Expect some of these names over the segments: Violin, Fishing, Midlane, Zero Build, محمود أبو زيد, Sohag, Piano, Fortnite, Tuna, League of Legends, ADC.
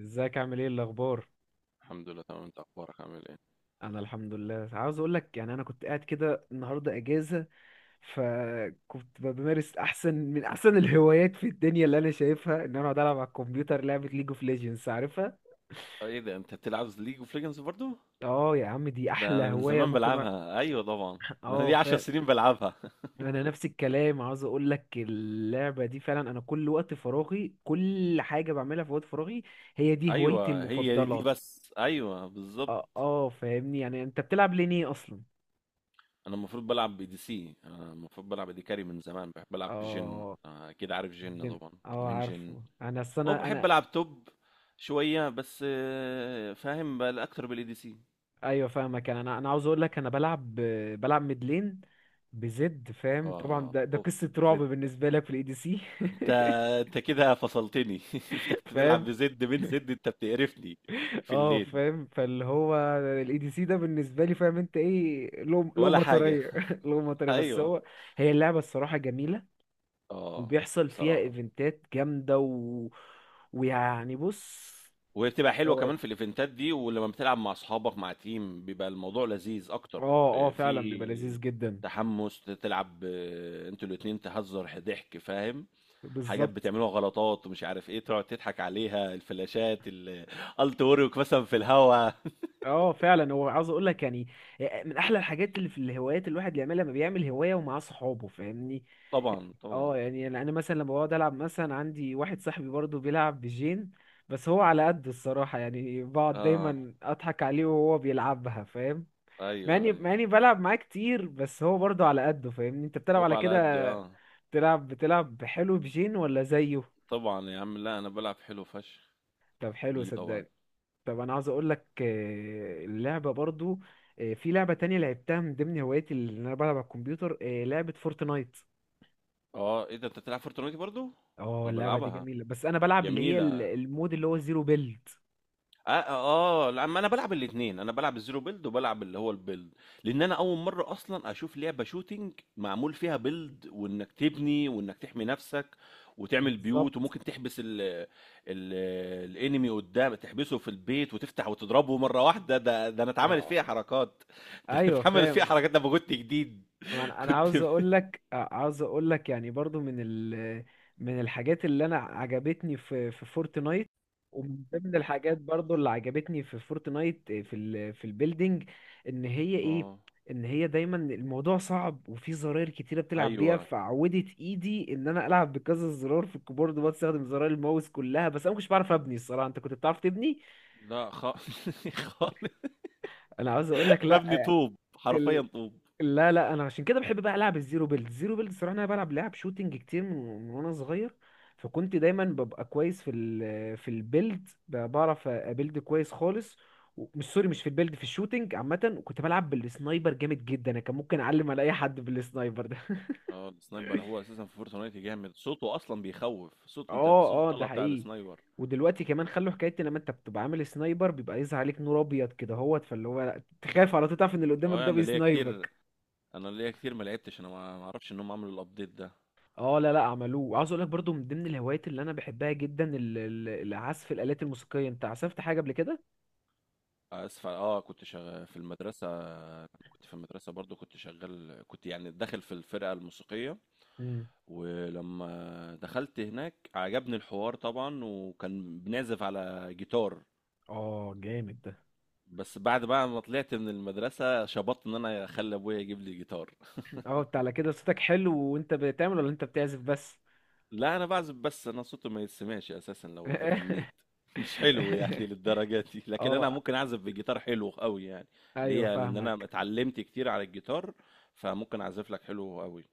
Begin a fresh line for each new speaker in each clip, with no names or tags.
ازيك عامل ايه الاخبار؟
الحمد لله تمام. انت اخبارك عامل ايه؟
انا الحمد لله. عاوز اقول لك، يعني انا كنت قاعد كده النهارده اجازه. فكنت بمارس احسن من احسن الهوايات في الدنيا، اللي انا شايفها ان انا اقعد العب على الكمبيوتر لعبه ليج اوف ليجندز، عارفها؟
ايه ده، انت بتلعب ليج اوف ليجندز برضو؟
اه يا عم، دي
ده
احلى
انا من
هوايه
زمان
ممكن
بلعبها، ايوه طبعا. ده انا
اه،
لي 10
فاهم.
سنين بلعبها.
انا نفس الكلام. عاوز اقول لك، اللعبه دي فعلا انا كل وقت فراغي، كل حاجه بعملها في وقت فراغي. هي دي هوايتي
ايوه هي دي،
المفضله.
بس ايوه
اه،
بالظبط.
اه، فاهمني. يعني انت بتلعب ليه اصلا؟
انا المفروض بلعب بي دي سي، انا المفروض بلعب دي كاري. من زمان بحب العب بجن.
اه.
اكيد عارف جن
جن.
طبعا.
اه،
من جن.
عارفه. انا اصل
او
انا
بحب
انا
العب توب شويه بس. فاهم بقى اكتر بالاي دي سي.
ايوه، فاهمك. يعني انا عاوز اقول لك انا بلعب. بلعب ميدلين. بزد، فاهم طبعا.
اه
ده
اوف.
قصة رعب بالنسبة لك في الاي دي سي.
انت انت كده فصلتني. انت بتلعب
فاهم.
بزد؟ من زد انت بتقرفني في
اه،
الليل.
فاهم. فاللي هو الاي دي سي ده بالنسبة لي، فاهم انت ايه، لو
ولا حاجه.
مطرية. لو مطرية. بس
ايوه
هو هي اللعبة الصراحة جميلة.
اه
وبيحصل فيها
صراحه.
ايفنتات جامدة ويعني، بص.
وهي بتبقى حلوه
هو.
كمان في الايفنتات دي، ولما بتلعب مع اصحابك مع تيم بيبقى الموضوع لذيذ اكتر.
اه، اه،
اه،
فعلا بيبقى
في
لذيذ جدا.
تحمس تلعب. اه، انتوا الاتنين تهزر، ضحك فاهم، حاجات
بالظبط.
بتعملوها، غلطات ومش عارف ايه، تقعد تضحك عليها. الفلاشات الالت مثلا في الهوا.
اه، فعلا. هو عاوز اقول لك، يعني من احلى الحاجات اللي في الهوايات الواحد اللي يعملها لما بيعمل هوايه ومعاه صحابه، فاهمني؟ يعني.
طبعا طبعا.
اه، يعني انا مثلا لما بقعد العب مثلا، عندي واحد صاحبي برضه بيلعب بجين. بس هو على قد الصراحه، يعني بقعد
اه
دايما اضحك عليه وهو بيلعبها، فاهم؟ مع
ايوه
اني
ايوه.
مع اني بلعب معاه كتير، بس هو برضه على قده، فاهمني؟ انت بتلعب
هو
على
على
كده،
قده اه.
بتلعب حلو بجين ولا زيه؟
طبعا يا عم، لا انا بلعب حلو فشخ
طب حلو،
بيه طبعا.
صدقني. طب، انا عاوز اقول لك اللعبه برضو. في لعبه تانية لعبتها من ضمن هواياتي اللي انا بلعب على الكمبيوتر، لعبه فورتنايت.
اه، ايه ده انت بتلعب فورتنايت برضو؟
اه،
انا
اللعبه دي
بلعبها،
جميله. بس انا بلعب اللي هي
جميله.
المود اللي هو زيرو بيلد.
اه اه. لا ما انا بلعب الاثنين، انا بلعب الزيرو بيلد وبلعب اللي هو البيلد. لان انا اول مره اصلا اشوف لعبه شوتينج معمول فيها بيلد، وانك تبني وانك تحمي نفسك وتعمل
بالظبط.
بيوت وممكن تحبس ال الانمي قدام، تحبسه في البيت وتفتح وتضربه مره واحده. ده ده انا اتعملت
اه،
فيها حركات. ده انا
ايوه،
اتعملت فيها
فاهم.
حركات لما كنت جديد.
ما انا أنا
كنت
عاوز اقول لك، عاوز اقول لك يعني برضو من الحاجات اللي انا عجبتني في فورتنايت. ومن ضمن الحاجات برضو اللي عجبتني في فورتنايت في البيلدينج. ان هي ايه،
آه.
ان هي دايما الموضوع صعب وفي زراير كتيره بتلعب بيها،
أيوه.
فعودت ايدي ان انا العب بكذا زرار في الكيبورد، بستخدم زراير الماوس كلها. بس انا مش بعرف ابني الصراحه. انت كنت بتعرف تبني؟
لأ خ خالص.
انا عاوز اقول لك،
مبني
لا،
طوب، حرفيًا طوب.
لا، لا، انا عشان كده بحب بقى العب الزيرو بيلد. الصراحه انا بلعب لعب شوتينج كتير، من وانا صغير. فكنت دايما ببقى كويس في البيلد، بعرف ابيلد كويس خالص. مش، سوري، مش في البيلد، في الشوتينج عامه. وكنت بلعب بالسنايبر جامد جدا. انا كان ممكن اعلم على اي حد بالسنايبر ده.
السنايبر هو أساسًا في فورتنايت جامد، صوته أصلًا بيخوّف، صوت أنت صوته
اه، اه، ده
طالع بتاع
حقيقي.
السنايبر.
ودلوقتي كمان خلوا حكايه، إن لما انت بتبقى عامل سنايبر بيبقى يظهر عليك نور ابيض كده هوت، فاللي هو تخاف على طول، تعرف ان اللي قدامك
والله
ده
أنا ليّا
بيسنايبر.
كتير أنا ليّا كتير ما لعبتش، أنا ما أعرفش إن هم عملوا الupdate ده.
اه، لا، لا، عملوه. عاوز اقول لك برضو من ضمن الهوايات اللي انا بحبها جدا العزف، الالات الموسيقيه. انت عزفت حاجه قبل كده؟
آسف ع كنت شغا في المدرسة، كنت في المدرسة برضه، كنت شغّال، كنت يعني داخل في الفرقة الموسيقية،
امم
ولمّا دخلت هناك عجبني الحوار طبعًا، وكان بنعزف على جيتار.
اه، جامد ده.
بس بعد بقى ما طلعت من المدرسة شبطت ان انا اخلي ابويا يجيب لي جيتار.
اه، انت على كده صوتك حلو. وانت بتعمل ولا انت بتعزف بس؟
لا انا بعزف بس، انا صوتي ما يتسمعش اساسا لو غنيت. مش حلو يعني للدرجة دي، لكن انا
اه،
ممكن اعزف بجيتار حلو قوي يعني.
ايوه،
ليه؟ لان انا
فاهمك.
اتعلمت كتير على الجيتار، فممكن اعزف لك حلو قوي.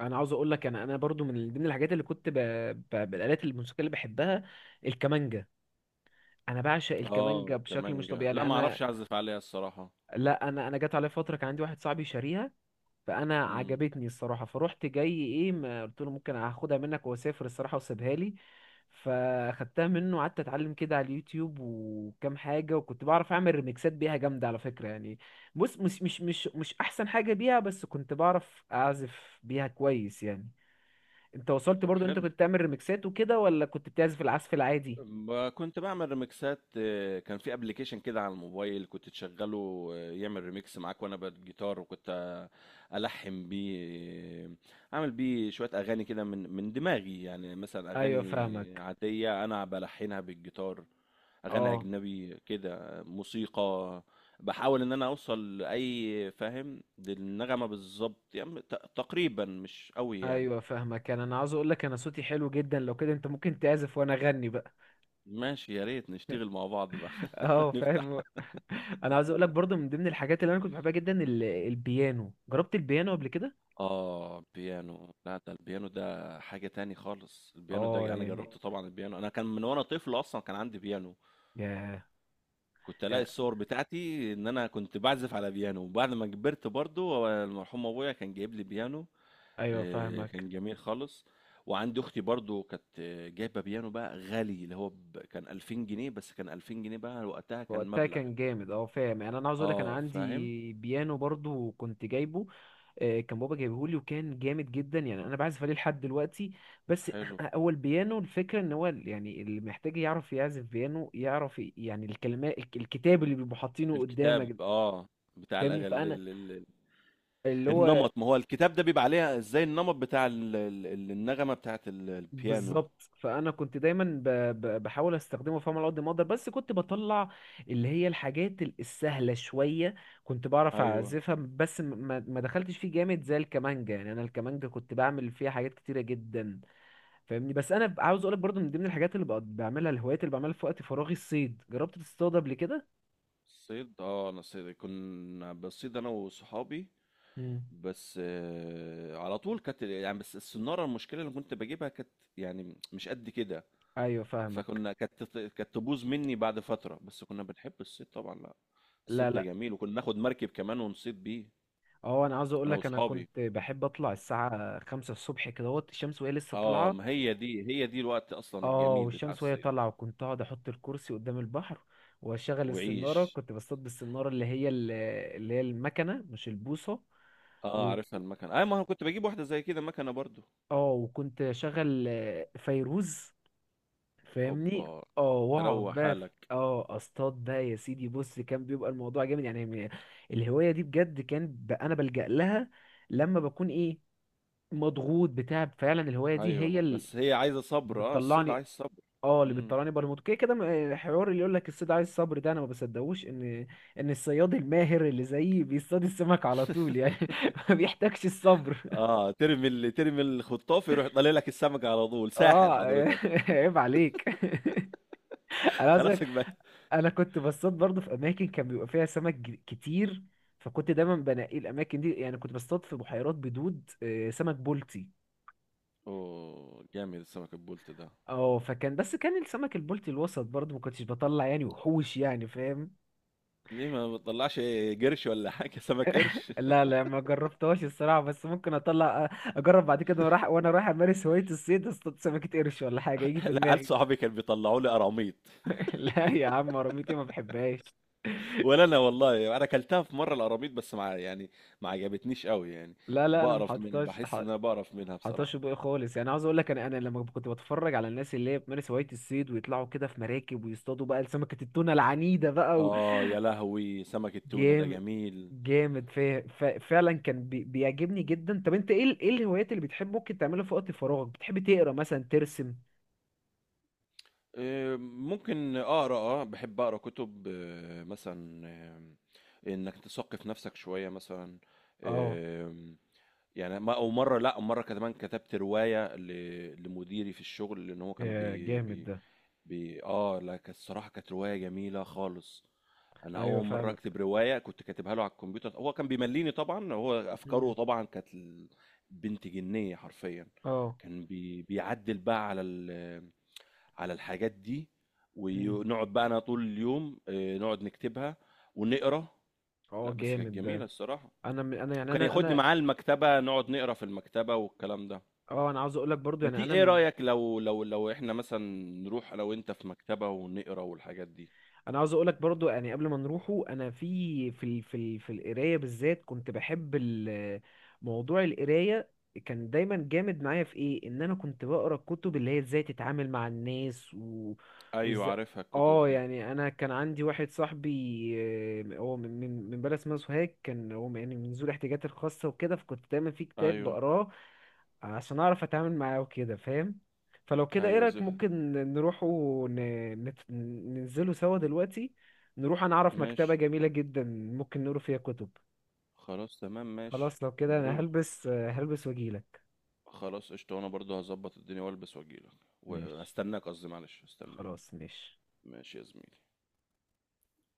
انا عاوز اقول لك انا برضو من ضمن الحاجات اللي كنت بالالات الموسيقيه اللي بحبها، الكمانجه. انا بعشق الكمانجه
اه
بشكل مش
كمانجا،
طبيعي،
لا
يعني
ما
انا.
اعرفش اعزف عليها الصراحة.
لا، انا جت عليا فتره كان عندي واحد صاحبي شاريها. فانا
امم.
عجبتني الصراحه، فروحت جاي ايه، ما قلت له ممكن هاخدها منك واسافر الصراحه، وسيبها لي. فاخدتها منه وقعدت اتعلم كده على اليوتيوب وكام حاجه، وكنت بعرف اعمل ريميكسات بيها جامده على فكره يعني. بص، مش احسن حاجه بيها، بس كنت بعرف اعزف بيها كويس يعني. انت وصلت
طب
برضو؟ انت
حلو.
كنت تعمل ريميكسات وكده ولا كنت بتعزف العزف العادي؟
كنت بعمل ريمكسات. كان في ابلكيشن كده على الموبايل كنت تشغله، يعمل ريمكس معاك وانا بالجيتار، وكنت الحن بيه. آه، اعمل بيه شوية اغاني كده من دماغي يعني، مثلا
ايوه،
اغاني
فاهمك.
عادية انا بلحنها بالجيتار، اغاني
اه،
اجنبي كده، موسيقى. بحاول ان انا اوصل لاي فاهم للنغمة بالظبط يعني، تقريبا مش قوي يعني.
ايوه، فاهمك. انا عاوز اقول لك انا صوتي حلو جدا. لو كده انت ممكن تعزف وانا اغني.
ماشي، يا ريت نشتغل مع بعض بقى.
اه،
نفتح
فاهم. انا عايز اقول لك برضو من ضمن الحاجات اللي انا كنت بحبها جدا البيانو. جربت البيانو قبل كده؟
آه بيانو. لا ده البيانو ده حاجة تاني خالص. البيانو ده
اه،
أنا
يعني.
جربت طبعا البيانو، أنا كان من وأنا طفل أصلا كان عندي بيانو.
يا
كنت ألاقي
يا
الصور بتاعتي إن أنا كنت بعزف على بيانو، وبعد ما كبرت برضو هو المرحوم أبويا كان جايب لي بيانو.
ايوه، فاهمك.
كان جميل خالص. وعندي أختي برضو كانت جايبة بيانو بقى غالي، اللي هو كان 2000 جنيه. بس كان 2000 جنيه بقى وقتها كان
وقتها
مبلغ.
كان جامد. اه، فاهم. يعني انا عاوز اقول لك انا
آه فاهم.
عندي بيانو برضو كنت جايبه. كان بابا جايبهولي وكان جامد جدا، يعني انا بعزف عليه لحد دلوقتي. بس
حلو.
هو البيانو الفكره ان هو يعني اللي محتاج يعرف يعزف بيانو، يعرف يعني الكلمات، الكتاب اللي بيبقوا حاطينه
الكتاب
قدامك،
آه، بتاع
فاهمني. فانا
الأغاني.
اللي هو
النمط، ما هو الكتاب ده بيبقى عليها ازاي، النمط بتاع النغمة بتاعت البيانو.
بالظبط، فانا كنت دايما بحاول استخدمه، فاهم، على قد ما اقدر، بس كنت بطلع اللي هي الحاجات السهله شويه. كنت بعرف
ايوه.
اعزفها. بس ما دخلتش فيه جامد زي الكمانجا. يعني انا الكمانجا كنت بعمل فيها حاجات كتيره جدا، فاهمني. بس انا عاوز اقولك برضو من ضمن الحاجات اللي بقعد بعملها، الهوايات اللي بعملها في وقت فراغي، الصيد. جربت تصطاد قبل كده؟
صيد، اه انا صيد كنا بصيد انا وصحابي،
مم.
بس على طول كانت يعني، بس السنارة المشكلة اللي كنت بجيبها كانت يعني مش قد كده،
ايوه، فاهمك.
فكنا كانت كانت تبوظ مني بعد فترة، بس كنا بنحب الصيد طبعا. لا
لا،
الصيد ده
لا،
جميل، وكنا ناخد مركب كمان ونصيد بيه
اه، انا عاوز اقول
انا
لك، انا
واصحابي.
كنت بحب اطلع الساعه 5 الصبح، كدهوت الشمس وهي لسه
اه
طالعه.
ما هي دي، هي دي الوقت اصلا
اه،
الجميل بتاع
والشمس وهي
الصيد
طالعة، وكنت اقعد احط الكرسي قدام البحر، واشغل السنارة.
وعيش.
كنت بصطاد بالسنارة اللي هي اللي هي المكنة، مش البوصة.
اه
و...
عارفها المكنة، اي ما انا كنت بجيب واحدة زي كده مكنة برضو.
اه، وكنت اشغل فيروز، فاهمني.
اوبا،
اه، واقعد
تروق
بقى
حالك.
اه، اصطاد بقى يا سيدي. بص، كان بيبقى الموضوع جامد يعني. الهواية دي بجد كان انا بلجأ لها لما بكون ايه، مضغوط بتاع. فعلا الهواية دي هي
ايوه
اللي
بس هي عايزة صبر، اه الصيد
بتطلعني.
عايز صبر.
اه، اللي
امم.
بتطلعني برموت كده كده. الحوار اللي يقول لك الصيد عايز صبر ده، انا ما بصدقوش ان الصياد الماهر اللي زيي بيصطاد السمك على طول يعني. ما بيحتاجش الصبر.
اه ترمي، اللي ترمي الخطاف يروح طالع لك السمكة على طول. ساحر
اه.
حضرتك.
عيب عليك. انا عايز أقولك،
خلاصك بقى.
انا كنت بصطاد برضه في اماكن كان بيبقى فيها سمك كتير. فكنت دايما بنقي الاماكن دي، يعني كنت بصطاد في بحيرات بدود، سمك بولتي.
اوه جامد السمك البولت ده.
اه، فكان، بس كان السمك البولتي الوسط برضه ما كنتش بطلع يعني وحوش يعني، فاهم؟
ليه ما بتطلعش قرش ولا حاجة، سمك قرش؟
لا، لا، ما جربتهاش الصراحة. بس ممكن اطلع اجرب بعد كده. وانا رايح امارس هواية الصيد اصطاد سمكة قرش ولا حاجة يجي في
لا عيال
دماغي.
صحابي كانوا بيطلعوا لي قراميط.
لا يا عم، رميتي ما بحبهاش.
ولا انا والله، انا اكلتها في مرة القراميط بس مع يعني، ما عجبتنيش قوي يعني،
لا، لا، انا ما
بقرف منها،
حطيتهاش.
بحس ان انا بقرف منها
حطيتهاش في
بصراحة.
بقى خالص. يعني عاوز اقول لك، انا لما كنت بتفرج على الناس اللي هي بتمارس هواية الصيد ويطلعوا كده في مراكب ويصطادوا بقى سمكة التونة العنيدة بقى
آه يا لهوي سمك التونة ده
جامد.
جميل.
جامد. فعلا كان بيعجبني جدا. طب انت ايه ايه الهوايات اللي بتحب ممكن تعملها في وقت فراغك؟ بتحب تقرا مثلا، ترسم؟
ممكن أقرأ آه، بحب أقرأ كتب، مثلا إنك تثقف نفسك شوية مثلا.
اه.
آه، يعني ما أو مرة، لأ مرة كمان كتبت رواية لمديري في الشغل، لأن هو كان
يا،
بي
جامد
بي...
ده.
اه لا كانت الصراحة كانت رواية جميلة خالص. انا
ايوه،
اول مرة
فاهمك.
اكتب رواية، كنت كاتبها له على الكمبيوتر، هو كان بيمليني طبعا، هو افكاره
مم.
طبعا كانت بنت جنية حرفيا.
اه.
كان بي... بيعدل بقى على ال... على الحاجات دي،
مم.
ونقعد بقى انا طول اليوم، نقعد نكتبها ونقرا.
اه،
لا بس كانت
جامد
جميلة
ده.
الصراحة.
انا يعني
وكان
انا
ياخدني
انا
معاه المكتبة نقعد نقرا في المكتبة والكلام ده.
اه، انا عاوز اقول لك برضو
ما
يعني
تي ايه رأيك، لو لو احنا مثلا نروح انا وانت في مكتبة ونقرا والحاجات دي؟
انا عاوز اقولك برضو، يعني قبل ما نروحه، انا في القرايه بالذات كنت بحب موضوع القرايه. كان دايما جامد معايا في ايه، ان انا كنت بقرا الكتب اللي هي ازاي تتعامل مع الناس، و
أيوه
وازاي.
عارفها الكتب
اه،
دي.
يعني انا كان عندي واحد صاحبي، هو من بلد اسمها سوهاج. كان هو يعني من ذوي الاحتياجات الخاصه وكده، فكنت دايما في كتاب
أيوه
بقراه عشان اعرف اتعامل معاه وكده، فاهم. فلو كده، ايه
أيوه
رايك
زهق.
ممكن نروح ننزله سوا دلوقتي. نروح، انا اعرف مكتبة
ماشي.
جميلة جدا ممكن نقرا فيها كتب.
خلاص تمام ماشي.
خلاص، لو كده انا
نروح.
هلبس واجيلك.
خلاص قشطة، وأنا برضه هظبط الدنيا وألبس وأجيلك
ماشي،
وهستناك. قصدي معلش هستناك.
خلاص ماشي.
ماشي يا زميلي.